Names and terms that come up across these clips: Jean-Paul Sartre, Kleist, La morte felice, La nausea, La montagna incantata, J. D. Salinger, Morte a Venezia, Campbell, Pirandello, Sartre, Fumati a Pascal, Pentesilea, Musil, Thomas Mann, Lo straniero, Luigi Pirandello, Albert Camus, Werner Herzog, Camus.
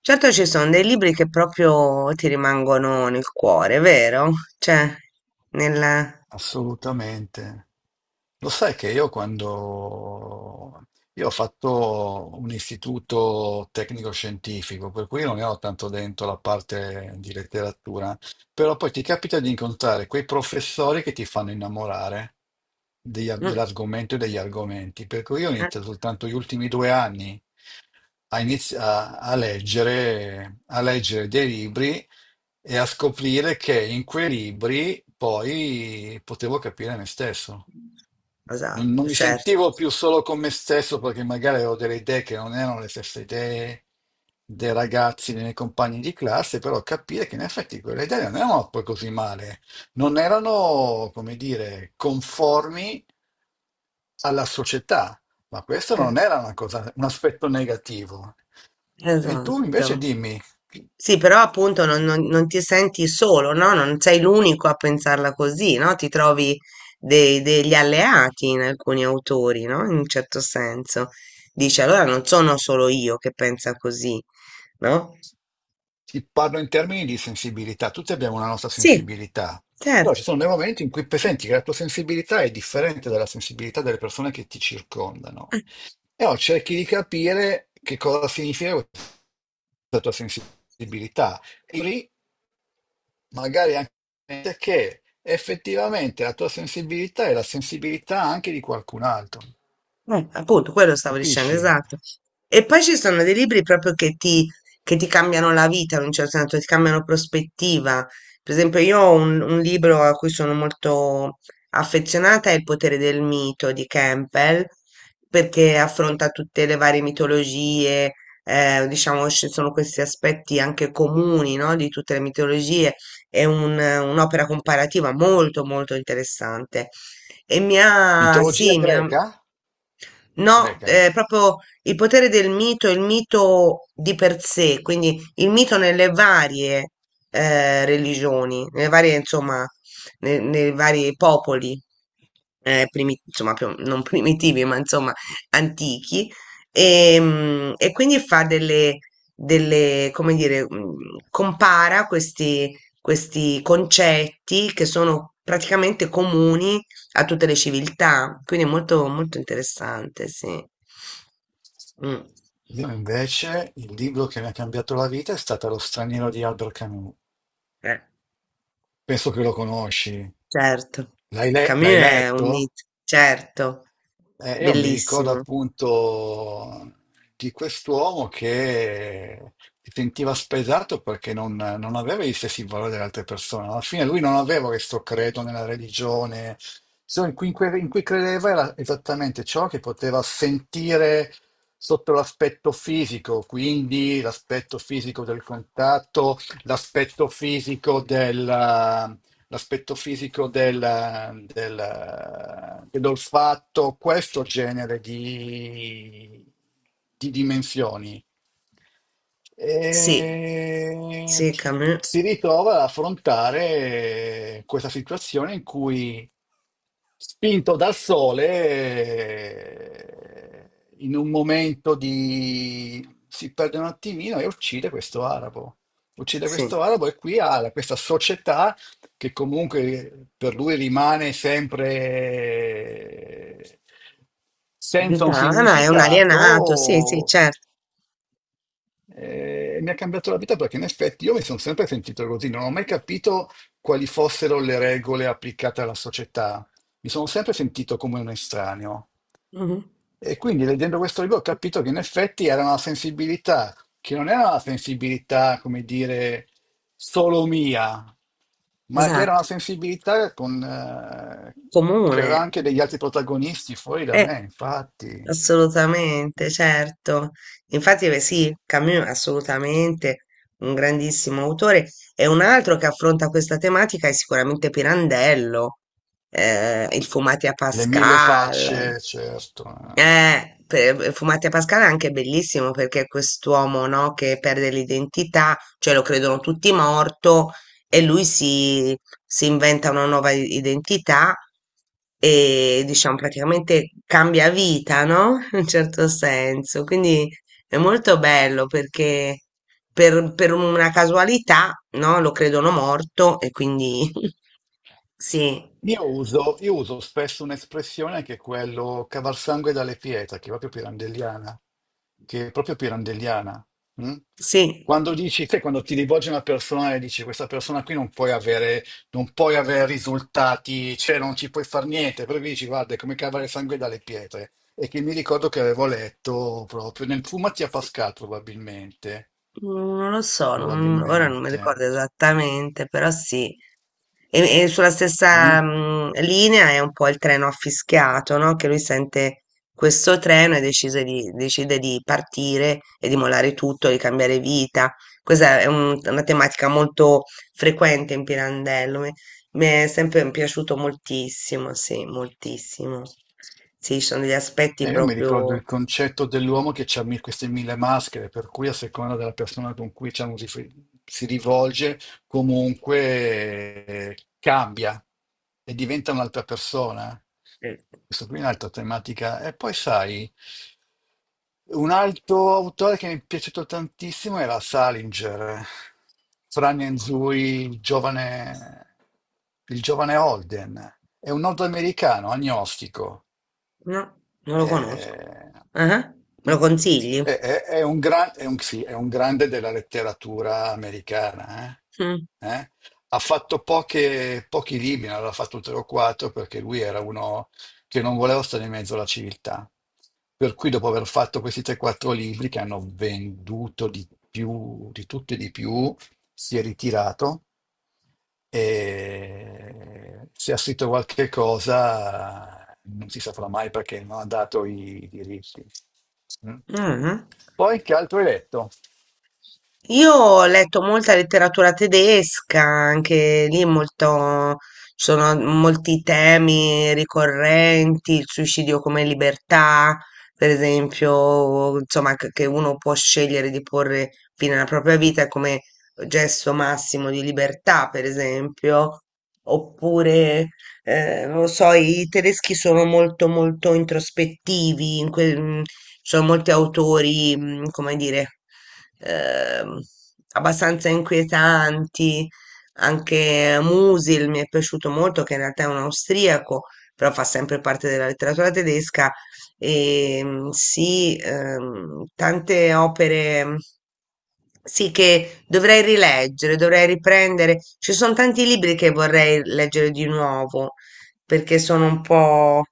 Certo ci sono dei libri che proprio ti rimangono nel cuore, vero? Cioè, nel... Assolutamente. Lo sai che io quando... Io ho fatto un istituto tecnico-scientifico, per cui non ne ho tanto dentro la parte di letteratura, però poi ti capita di incontrare quei professori che ti fanno innamorare degli ar- Mm. dell'argomento e degli argomenti, per cui io ho Eh. iniziato soltanto gli ultimi 2 anni a, a leggere dei libri e a scoprire che in quei libri poi potevo capire me stesso. Non Esatto, mi certo. sentivo più solo con me stesso perché magari avevo delle idee che non erano le stesse idee dei ragazzi, dei miei compagni di classe, però capire che in effetti quelle idee non erano poi così male, non erano, come dire, conformi alla società, ma questo Eh. non era una cosa, un aspetto negativo. E tu invece Esatto. dimmi, ti Sì, però appunto non ti senti solo, no? Non sei l'unico a pensarla così, no? Ti trovi degli alleati in alcuni autori, no? In un certo senso. Dici, allora non sono solo io che pensa così, no? parlo in termini di sensibilità, tutti abbiamo una nostra Sì, sensibilità, però certo. ci sono dei momenti in cui senti che la tua sensibilità è differente dalla sensibilità delle persone che ti circondano. E allora cerchi di capire che cosa significa questa tua sensibilità. E lì magari anche che effettivamente la tua sensibilità è la sensibilità anche di qualcun altro. Appunto, quello stavo dicendo, Capisci? esatto. E poi ci sono dei libri proprio che ti cambiano la vita in un certo senso, ti cambiano prospettiva. Per esempio, io ho un libro a cui sono molto affezionata, è Il potere del mito di Campbell, perché affronta tutte le varie mitologie, diciamo, ci sono questi aspetti anche comuni, no, di tutte le mitologie. È un'opera comparativa molto, molto interessante. E mi ha, Mitologia sì, mi ha. greca? No, Greca. Proprio Il potere del mito, il mito di per sé, quindi il mito nelle varie religioni, nelle varie, insomma, nei vari popoli, insomma, non primitivi, ma insomma, antichi, e quindi fa delle, come dire, compara questi concetti che sono praticamente comuni a tutte le civiltà, quindi è molto, molto interessante, sì. Mm. Io invece il libro che mi ha cambiato la vita è stato Lo straniero di Albert Camus. Eh, Penso che lo conosci. certo. L'hai le- Camus l'hai è un letto? mito, certo, Io mi ricordo bellissimo. appunto di quest'uomo che si sentiva spesato perché non aveva gli stessi valori delle altre persone. Alla fine lui non aveva questo credo nella religione, ciò in cui, in cui credeva era esattamente ciò che poteva sentire sotto l'aspetto fisico, quindi l'aspetto fisico del contatto, l'aspetto fisico l'aspetto fisico del, dell'olfatto, questo genere di dimensioni. Sì, E sì, Camus, si ritrova ad affrontare questa situazione in cui, spinto dal sole, in un momento di... si perde un attimino e uccide questo arabo. Uccide sì. questo arabo e qui questa società che comunque per lui rimane sempre senza un Lontano, è un alienato, sì, sì, significato, certo. Mi ha cambiato la vita perché in effetti io mi sono sempre sentito così, non ho mai capito quali fossero le regole applicate alla società. Mi sono sempre sentito come un estraneo. Mhm. E quindi leggendo questo libro ho capito che in effetti era una sensibilità, che non era una sensibilità, come dire, solo mia, ma che era una Esatto, sensibilità che comune. aveva anche degli altri protagonisti fuori da Eh. me, infatti. Assolutamente, certo. Infatti, beh, sì, Camus è assolutamente un grandissimo autore e un altro che affronta questa tematica è sicuramente Pirandello, Il Fumati a Le mille Pascal. facce, certo. eh. Fumati a Pascal è anche bellissimo perché è quest'uomo, no, che perde l'identità, cioè lo credono tutti morto e lui si inventa una nuova identità e diciamo praticamente cambia vita, no? In un certo senso. Quindi è molto bello perché per una casualità, no? Lo credono morto e quindi sì, Io uso spesso un'espressione che è quello cavalsangue dalle pietre, che è proprio pirandelliana, che è proprio pirandelliana. mm? sì. Quando dici, sai, quando ti rivolgi a una persona e dici questa persona qui non puoi avere risultati, cioè non ci puoi far niente, però dici guarda, è come cavare sangue dalle pietre. E che mi ricordo che avevo letto proprio nel Fumatia Pascal, probabilmente, Non lo so, ora non mi probabilmente. ricordo esattamente, però sì. E sulla Mm? stessa linea è un po' il treno affischiato, no? Che lui sente questo treno e decide di partire e di mollare tutto, di cambiare vita. Questa è una tematica molto frequente in Pirandello. Mi è sempre piaciuto moltissimo. Sì, ci sono degli aspetti Io mi ricordo proprio... il concetto dell'uomo che ha queste 1000 maschere, per cui a seconda della persona con cui diciamo, si rivolge, comunque cambia e diventa un'altra persona. eh, Questo qui è un'altra tematica. E poi sai, un altro autore che mi è piaciuto tantissimo era Salinger, Fran Nzui, il giovane Holden. È un nordamericano agnostico, No, non lo conosco. eh, Ah, me mm. lo consigli? È un grande della letteratura americana. Mm. Eh? Ha fatto pochi libri, ne aveva fatto 3 o 4, perché lui era uno che non voleva stare in mezzo alla civiltà. Per cui dopo aver fatto questi 3-4 libri che hanno venduto di più, di tutto e di più, si è ritirato e se ha scritto qualche cosa non si saprà mai perché non ha dato i diritti. Mm. Ah. Poi che altro hai letto? Io ho letto molta letteratura tedesca, anche lì molto, ci sono molti temi ricorrenti, il suicidio come libertà, per esempio, insomma, che uno può scegliere di porre fine alla propria vita come gesto massimo di libertà, per esempio, oppure non lo so, i tedeschi sono molto molto introspettivi, ci sono molti autori, come dire, ehm, abbastanza inquietanti, anche Musil mi è piaciuto molto, che in realtà è un austriaco, però fa sempre parte della letteratura tedesca, e sì, tante opere. Sì, che dovrei rileggere, dovrei riprendere. Ci sono tanti libri che vorrei leggere di nuovo perché sono un po',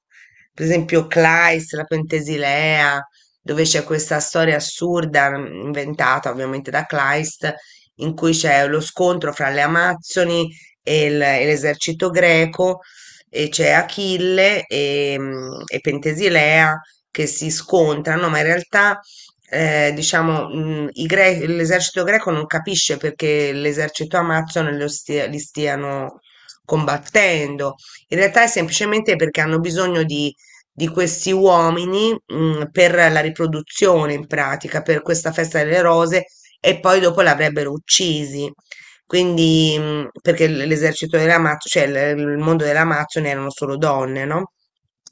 per esempio, Kleist, la Pentesilea, dove c'è questa storia assurda inventata ovviamente da Kleist, in cui c'è lo scontro fra le Amazzoni e l'esercito greco, e c'è Achille e Pentesilea che si scontrano, ma in realtà. Diciamo, l'esercito greco non capisce perché l'esercito amazzone li stiano combattendo in realtà è semplicemente perché hanno bisogno di questi uomini, per la riproduzione in pratica, per questa festa delle rose e poi dopo l'avrebbero uccisi. Quindi, perché l'esercito dell'Amazzo, cioè il mondo dell'Amazzone erano solo donne, no?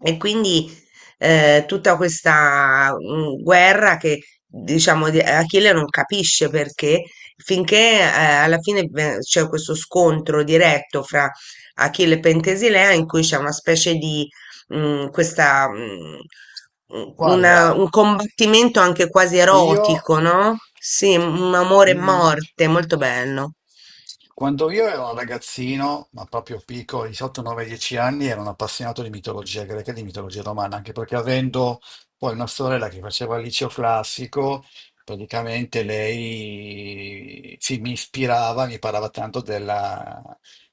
E quindi tutta questa guerra che diciamo Achille non capisce perché finché alla fine c'è questo scontro diretto fra Achille Pentesilea in cui c'è una specie di questa, un- una- Guarda, un combattimento anche quasi io... erotico, no? Sì, un amore e mm, morte, molto bello. Quando io ero ragazzino, ma proprio piccolo, di 8, 9, 10 anni, ero un appassionato di mitologia greca e di mitologia romana, anche perché avendo poi una sorella che faceva il liceo classico, praticamente lei sì, mi ispirava, mi parlava tanto della-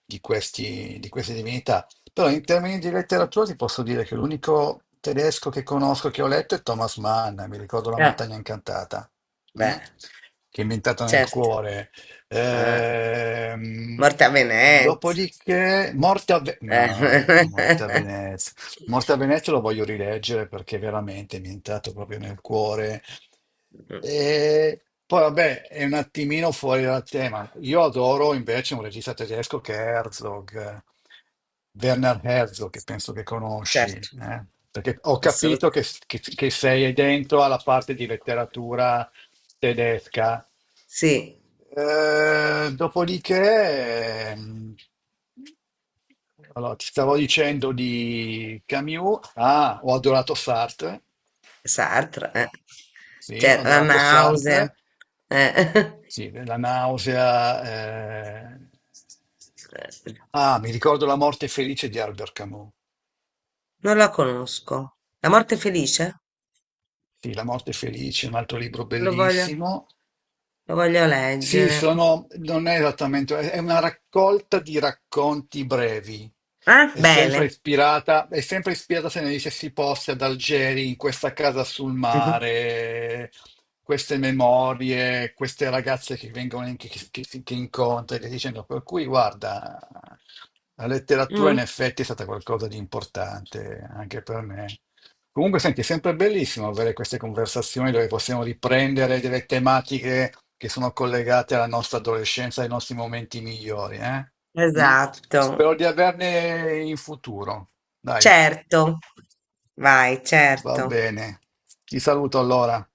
di questi- di queste divinità. Però in termini di letteratura ti posso dire che l'unico tedesco che conosco, che ho letto, è Thomas Mann, mi ricordo La Eh, montagna incantata, mm? beh, Che è inventata nel certo. cuore. Eh, Ehm, Morte a Venezia. Dopodiché, Morte a, Ve- no, Eh, Morte a Venezia. Morte a Venezia lo voglio rileggere perché veramente mi è entrato proprio nel cuore. E poi, vabbè, è un attimino fuori dal tema. Io adoro invece un regista tedesco che è Herzog, Werner Herzog, che penso che conosci, Certo, eh? Perché ho capito assolutamente. che, che sei dentro alla parte di letteratura tedesca. Sì, Dopodiché, allora, ti stavo dicendo di Camus. Ah, ho adorato Sartre. Sartre, eh. Sì, ho Cioè, La adorato nausea. Sartre. Eh. Sì, la nausea. Eh. Ah, mi ricordo La morte felice di Albert Camus. Non la conosco. La morte felice? Sì, La morte felice, un altro libro Lo voglio, bellissimo. lo voglio Sì, leggere. sono, non è esattamente, è una raccolta di racconti brevi. Eh? Bene. È sempre ispirata se ne dice si possa ad Algeri, in questa casa sul Mhm. mare, queste memorie, queste ragazze che vengono in- che incontri, che dicendo, per cui guarda, la letteratura in Mm. effetti è stata qualcosa di importante anche per me. Comunque, senti, è sempre bellissimo avere queste conversazioni dove possiamo riprendere delle tematiche che sono collegate alla nostra adolescenza, ai nostri momenti migliori, eh? Mm? Esatto. Spero di averne in futuro. Dai, Certo. Vai, va certo. bene. Ti saluto allora.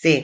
Sì.